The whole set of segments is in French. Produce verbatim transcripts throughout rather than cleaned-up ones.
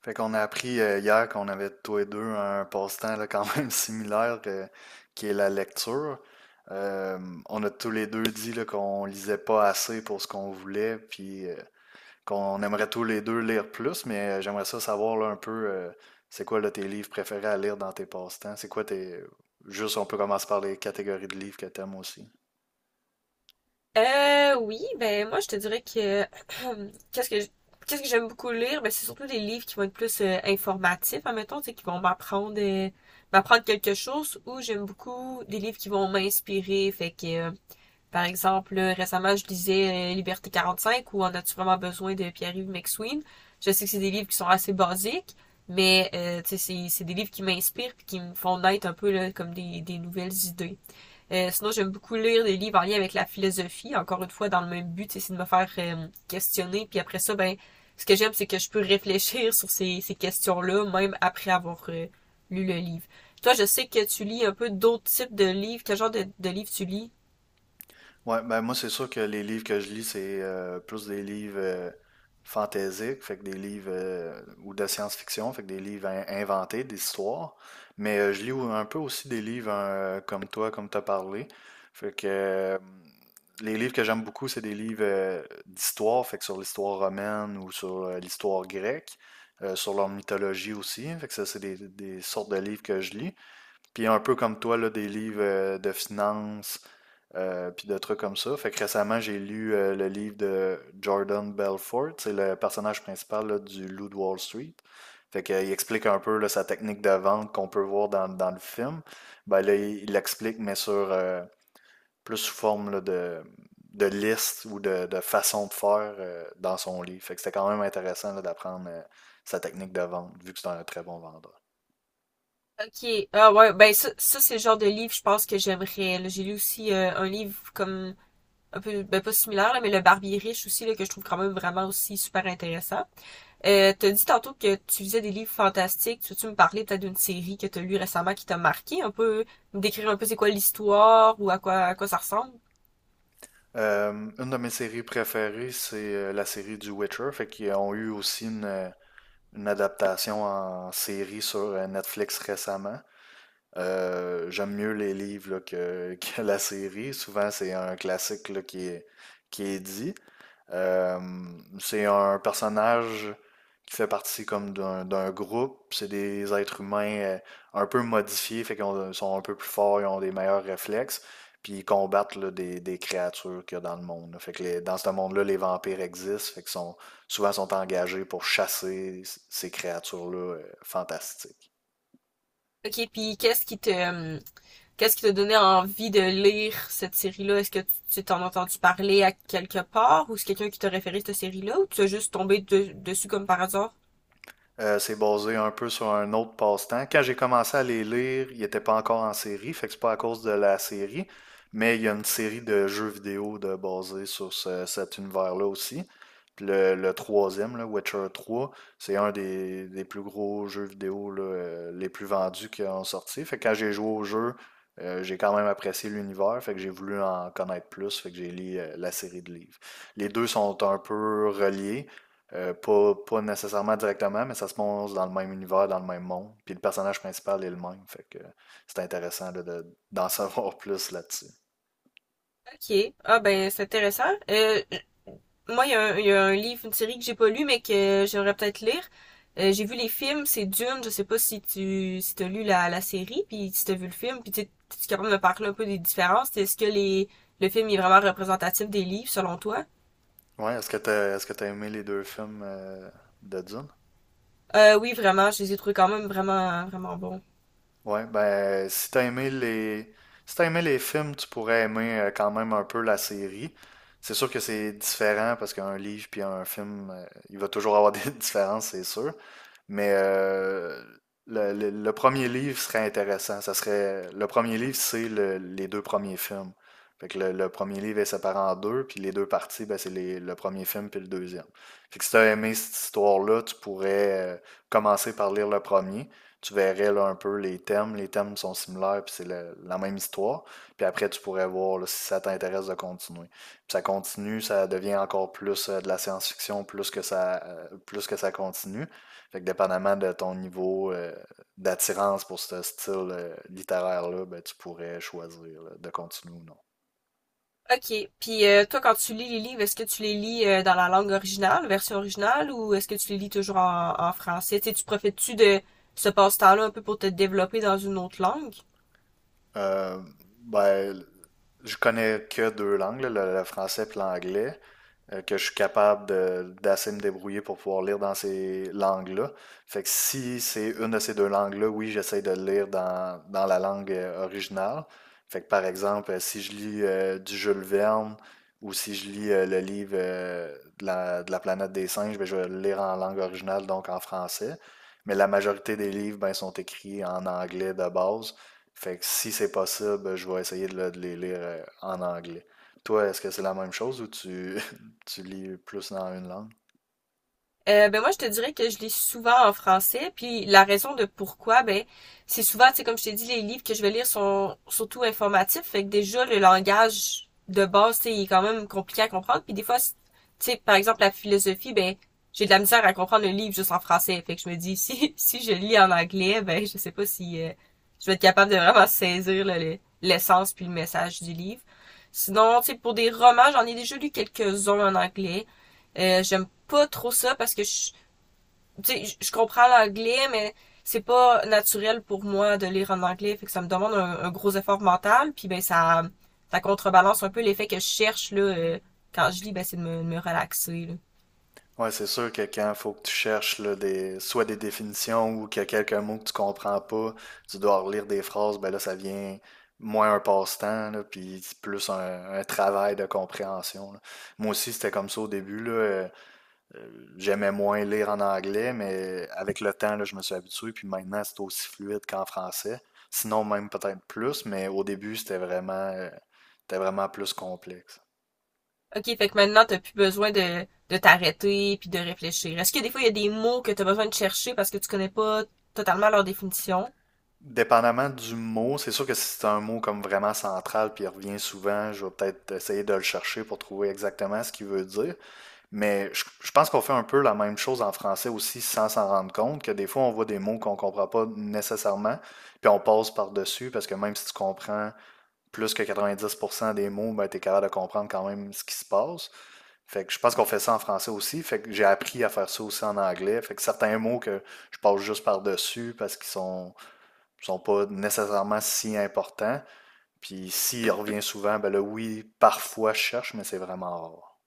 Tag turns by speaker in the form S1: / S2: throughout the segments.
S1: Fait qu'on a appris euh, hier qu'on avait tous les deux un passe-temps là, quand même similaire euh, qui est la lecture. Euh, on a tous les deux dit là, qu'on lisait pas assez pour ce qu'on voulait, puis euh, qu'on aimerait tous les deux lire plus, mais euh, j'aimerais ça savoir là, un peu euh, c'est quoi là, tes livres préférés à lire dans tes passe-temps? C'est quoi tes. Juste, on peut commencer par les catégories de livres que t'aimes aussi.
S2: Euh, oui, ben moi je te dirais que qu'est-ce que je- qu'est-ce que j'aime beaucoup lire, ben c'est surtout des livres qui vont être plus euh, informatifs, admettons, tu sais, qui vont m'apprendre euh, m'apprendre quelque chose, ou j'aime beaucoup des livres qui vont m'inspirer, fait que euh, par exemple, là, récemment je lisais euh, Liberté quarante-cinq ou En as-tu vraiment besoin de Pierre-Yves McSween. Je sais que c'est des livres qui sont assez basiques, mais euh, tu sais c'est c'est des livres qui m'inspirent puis qui me font naître un peu là, comme des des nouvelles idées. Euh, sinon, j'aime beaucoup lire des livres en lien avec la philosophie, encore une fois, dans le même but, c'est de me faire euh, questionner. Puis après ça, ben, ce que j'aime, c'est que je peux réfléchir sur ces, ces questions-là, même après avoir euh, lu le livre. Toi, je sais que tu lis un peu d'autres types de livres. Quel genre de, de livres tu lis?
S1: Ouais, ben moi, c'est sûr que les livres que je lis, c'est euh, plus des livres euh, fantaisiques, fait que des livres euh, ou de science-fiction, fait que des livres in- inventés, des histoires. Mais euh, je lis ou- un peu aussi des livres euh, comme toi, comme t'as parlé. Fait que euh, les livres que j'aime beaucoup, c'est des livres euh, d'histoire, fait que sur l'histoire romaine ou sur euh, l'histoire grecque, euh, sur leur mythologie aussi. Fait que ça, c'est des, des sortes de livres que je lis. Puis un peu comme toi, là, des livres euh, de finance, euh, puis de trucs comme ça. Fait que récemment, j'ai lu euh, le livre de Jordan Belfort. C'est le personnage principal là, du Loup de Wall Street. Fait que, euh, il explique un peu là, sa technique de vente qu'on peut voir dans, dans le film. Ben, là, il il l'explique, mais sur euh, plus sous forme là, de, de liste ou de, de façon de faire euh, dans son livre. Fait que c'était quand même intéressant là, d'apprendre euh, sa technique de vente, vu que c'est un très bon vendeur.
S2: Ok. Ah ouais, ben ça, ça c'est le genre de livre, je pense, que j'aimerais. Là. J'ai lu aussi euh, un livre comme un peu, ben pas similaire, là, mais Le Barbier riche aussi, là, que je trouve quand même vraiment aussi super intéressant. Euh, t'as dit tantôt que tu lisais des livres fantastiques. Tu veux-tu me parler peut-être d'une série que t'as lue récemment qui t'a marqué un peu, me décrire un peu c'est quoi l'histoire ou à quoi à quoi ça ressemble?
S1: Euh, une de mes séries préférées, c'est euh, la série du Witcher, fait qu'ils ont eu aussi une, euh, une adaptation en série sur euh, Netflix récemment. Euh, j'aime mieux les livres là, que, que la série. Souvent, c'est un classique là, qui est, qui est dit. Euh, c'est un personnage qui fait partie comme d'un d'un groupe. C'est des êtres humains euh, un peu modifiés, fait qu'ils ont- sont un peu plus forts, ils ont des meilleurs réflexes, puis ils combattent là, des, des créatures qu'il y a dans le monde. Là. Fait que les- dans ce monde-là, les vampires existent, fait qu'ils sont souvent sont engagés pour chasser c- ces créatures-là euh, fantastiques.
S2: Ok, puis qu'est-ce qui te euh, qu'est-ce qui t'a donné envie de lire cette série-là? Est-ce que tu tu t'en as entendu parler à quelque part ou c'est quelqu'un qui t'a référé cette série-là ou tu as juste tombé de- dessus comme par hasard?
S1: Euh, c'est basé un peu sur un autre passe-temps. Quand j'ai commencé à les lire, ils n'étaient pas encore en série, fait que c'est pas à cause de la série, mais il y a une série de jeux vidéo de, basés sur ce- cet univers-là aussi. Puis le, le troisième, là, Witcher trois, c'est un des, des plus gros jeux vidéo là, euh, les plus vendus qui ont sorti. Fait que quand j'ai joué au jeu, euh, j'ai quand même apprécié l'univers, fait que j'ai voulu en connaître plus, fait que j'ai lu euh, la série de livres. Les deux sont un peu reliés. Euh, pas, pas nécessairement directement, mais ça se passe dans le même univers, dans le même monde. Puis le personnage principal est le même. Fait que c'est intéressant de, de- d'en savoir plus là-dessus.
S2: Ok, ah ben c'est intéressant. Euh, Moi, il y, a un- il y a un livre, une série que j'ai pas lu, mais que j'aimerais peut-être lire. Euh, j'ai vu les films, c'est Dune. Je sais pas si tu si t'as lu la, la série, puis si t'as vu le film, puis tu tu es capable de me parler un peu des différences. Est-ce que les le film est vraiment représentatif des livres selon toi?
S1: Ouais, est-ce que t'as, est-ce que t'as aimé les deux films euh, de Dune?
S2: Euh, oui, vraiment, je les ai trouvés quand même vraiment vraiment bons.
S1: Ouais, ben, si t'as aimé les... si t'as aimé les films, tu pourrais aimer euh, quand même un peu la série. C'est sûr que c'est différent parce qu'un livre puis un film, euh, il va toujours avoir des différences, c'est sûr. Mais euh, le, le- le premier livre serait intéressant. Ça serait, le premier livre, c'est le- les deux premiers films. Fait que le, le premier livre est séparé en deux, puis les deux parties, ben, c'est les- le premier film puis le deuxième. Fait que si t'as aimé cette histoire-là, tu pourrais euh, commencer par lire le premier tu verrais là, un peu les thèmes. Les thèmes sont similaires, puis c'est le- la même histoire. Puis après, tu pourrais voir là, si ça t'intéresse de continuer. Puis ça continue, ça devient encore plus euh, de la science-fiction, plus que ça, euh, plus que ça continue. Fait que dépendamment de ton niveau euh, d'attirance pour ce style euh, littéraire-là, ben, tu pourrais choisir là, de continuer ou non.
S2: Ok, puis euh, toi, quand tu lis les livres, est-ce que tu les lis euh, dans la langue originale, version originale, ou est-ce que tu les lis toujours en, en français? Tu sais, tu profites-tu de ce passe-temps-là un peu pour te développer dans une autre langue?
S1: Euh, ben, je connais que deux langues, là, le, le français et l'anglais. Euh, que je suis capable de- d'assez me débrouiller pour pouvoir lire dans ces langues-là. Fait que si c'est une de ces deux langues-là, oui, j'essaie de le lire dans, dans la langue euh, originale. Fait que par exemple, euh, si je lis euh, du Jules Verne ou si je lis euh, le livre euh, de la, de la planète des singes, ben, je vais le lire en langue originale, donc en français. Mais la majorité des livres ben, sont écrits en anglais de base. Fait que si c'est possible, ben, je vais essayer de, le- de les lire euh, en anglais. Toi, est-ce que c'est la même chose ou tu, tu lis plus dans une langue.
S2: Euh, ben moi je te dirais que je lis souvent en français, puis la raison de pourquoi, ben c'est souvent, tu sais, comme je t'ai dit, les livres que je vais lire sont surtout informatifs, fait que déjà le langage de base, tu sais, il est quand même compliqué à comprendre, puis des fois, c'est- tu sais, par exemple la philosophie, ben j'ai de la misère à comprendre le livre juste en français, fait que je me dis si si je lis en anglais, ben je sais pas si euh, je vais être capable de vraiment saisir là, le- l'essence puis le message du livre. Sinon, tu sais, pour des romans, j'en ai déjà lu quelques-uns en anglais. Euh, j'aime pas trop ça parce que je, tu sais, je comprends l'anglais, mais c'est pas naturel pour moi de lire en anglais, fait que ça me demande un, un gros effort mental, puis ben ça, ça contrebalance un peu l'effet que je cherche là, euh, quand je lis, ben c'est de me, de me relaxer. Là.
S1: Ouais, c'est sûr que quand il faut que tu cherches là, des, soit des définitions ou qu'il y a quelques mots que tu comprends pas, tu dois relire des phrases, ben là, ça devient moins un passe-temps, là, puis c'est plus un, un travail de compréhension. Là. Moi aussi, c'était comme ça au début, là, euh, euh, j'aimais moins lire en anglais, mais avec le temps, là, je me suis habitué, puis maintenant, c'est aussi fluide qu'en français. Sinon, même peut-être plus, mais au début, c'était vraiment, euh, c'était vraiment plus complexe.
S2: Ok, fait que maintenant t'as plus besoin de, de t'arrêter puis de réfléchir. Est-ce que des fois il y a des mots que t'as besoin de chercher parce que tu connais pas totalement leur définition?
S1: Dépendamment du mot, c'est sûr que si c'est un mot comme vraiment central puis il revient souvent, je vais peut-être essayer de le chercher pour trouver exactement ce qu'il veut dire. Mais je, je pense qu'on fait un peu la même chose en français aussi sans s'en rendre compte, que des fois on voit des mots qu'on comprend pas nécessairement, puis on passe par-dessus parce que même si tu comprends plus que quatre-vingt-dix pour cent des mots, ben, tu es capable de comprendre quand même ce qui se passe. Fait que je pense qu'on fait ça en français aussi. Fait que j'ai appris à faire ça aussi en anglais. Fait que certains mots que je passe juste par-dessus parce qu'ils sont sont pas nécessairement si importants. Puis s'il revient souvent, ben là, oui, parfois je cherche, mais c'est vraiment rare.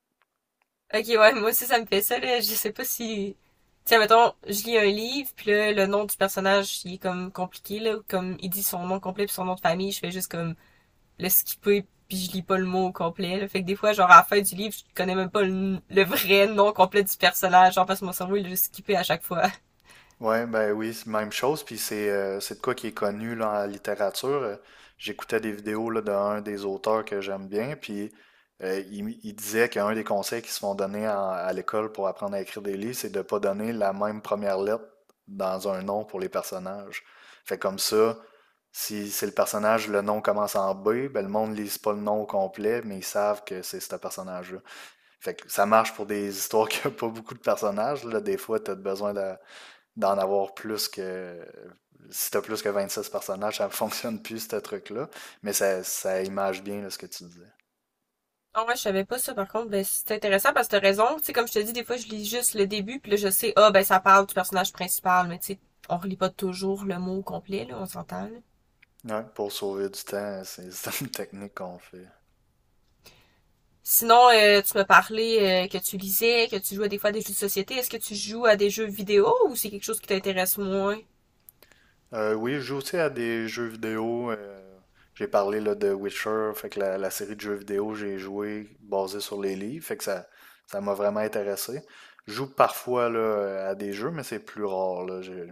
S2: Ok, ouais, moi aussi ça me fait ça, là. Je sais pas si… Tiens, mettons, je lis un livre, puis là, le nom du personnage, il est comme compliqué, là. Comme il dit son nom complet puis son nom de famille, je fais juste comme le skipper, puis je lis pas le mot au complet, là. Fait que des fois, genre, à la fin du livre, je connais même pas le, le vrai nom complet du personnage, genre, parce que mon cerveau, il le skippé à chaque fois.
S1: Ouais, ben oui, c'est même chose, puis c'est euh, c'est de quoi qui est connu là, en littérature. Euh, J'écoutais des vidéos là, d'un des auteurs que j'aime bien, puis euh, il, il disait qu'un des conseils qui se font donner en- à l'école pour apprendre à écrire des livres, c'est de pas donner la même première lettre dans un nom pour les personnages. Fait comme ça, si c'est le personnage, le nom commence en B, ben le monde ne lise pas le nom au complet, mais ils savent que c'est ce personnage-là. Fait que ça marche pour des histoires qui n'ont pas beaucoup de personnages. Là, des fois, tu as besoin de d'en avoir plus que. Si t'as plus que vingt-six personnages, ça ne fonctionne plus, ce truc-là. Mais ça, ça image bien là, ce que tu disais.
S2: Ah ouais, je savais pas ça, par contre, ben, c'est intéressant parce que t'as raison. Tu sais, comme je te dis, des fois, je lis juste le début, puis là, je sais, ah, ben, ça parle du personnage principal, mais tu sais, on relit pas toujours le mot au complet, là, on s'entend, là.
S1: Ouais, pour sauver du temps, c'est c'est une technique qu'on fait.
S2: Sinon, euh, tu m'as parlé euh, que tu lisais, que tu jouais des fois à des jeux de société. Est-ce que tu joues à des jeux vidéo ou c'est quelque chose qui t'intéresse moins?
S1: Euh, oui, je joue aussi à des jeux vidéo. Euh, j'ai parlé là, de Witcher, fait que la, la série de jeux vidéo, j'ai joué basée sur les livres, fait que ça, ça m'a vraiment intéressé. Je joue parfois là, à des jeux, mais c'est plus rare. Là. J'ai-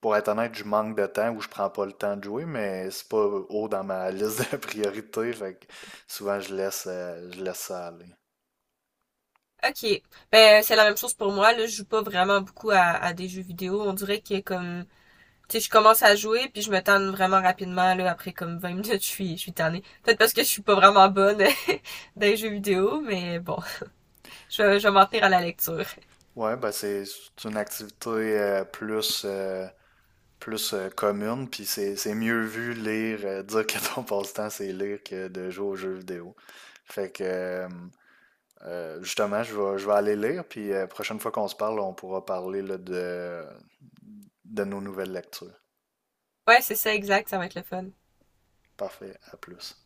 S1: Pour être honnête, je manque de temps ou je prends pas le temps de jouer, mais c'est pas haut dans ma liste de priorités, fait que souvent je laisse, euh, je laisse ça aller.
S2: Ok. Ben, c'est la même chose pour moi. Là, je joue pas vraiment beaucoup à, à des jeux vidéo. On dirait que comme, tu sais, je commence à jouer puis je me tanne vraiment rapidement. Là, après comme vingt minutes, je suis, je suis tannée. Peut-être parce que je suis pas vraiment bonne dans les jeux vidéo, mais bon, je, vais- je vais m'en tenir à la lecture.
S1: Ouais, ben c'est c'est une activité euh, plus, euh, plus euh, commune, puis c'est c'est mieux vu lire, euh, dire que ton passe-temps c'est lire que de jouer aux jeux vidéo. Fait que euh, euh, justement, je vais, je vais aller lire, puis la prochaine fois qu'on se parle, on pourra parler là, de, de nos nouvelles lectures.
S2: Ouais, c'est ça, exact. Ça va être le fun.
S1: Parfait, à plus.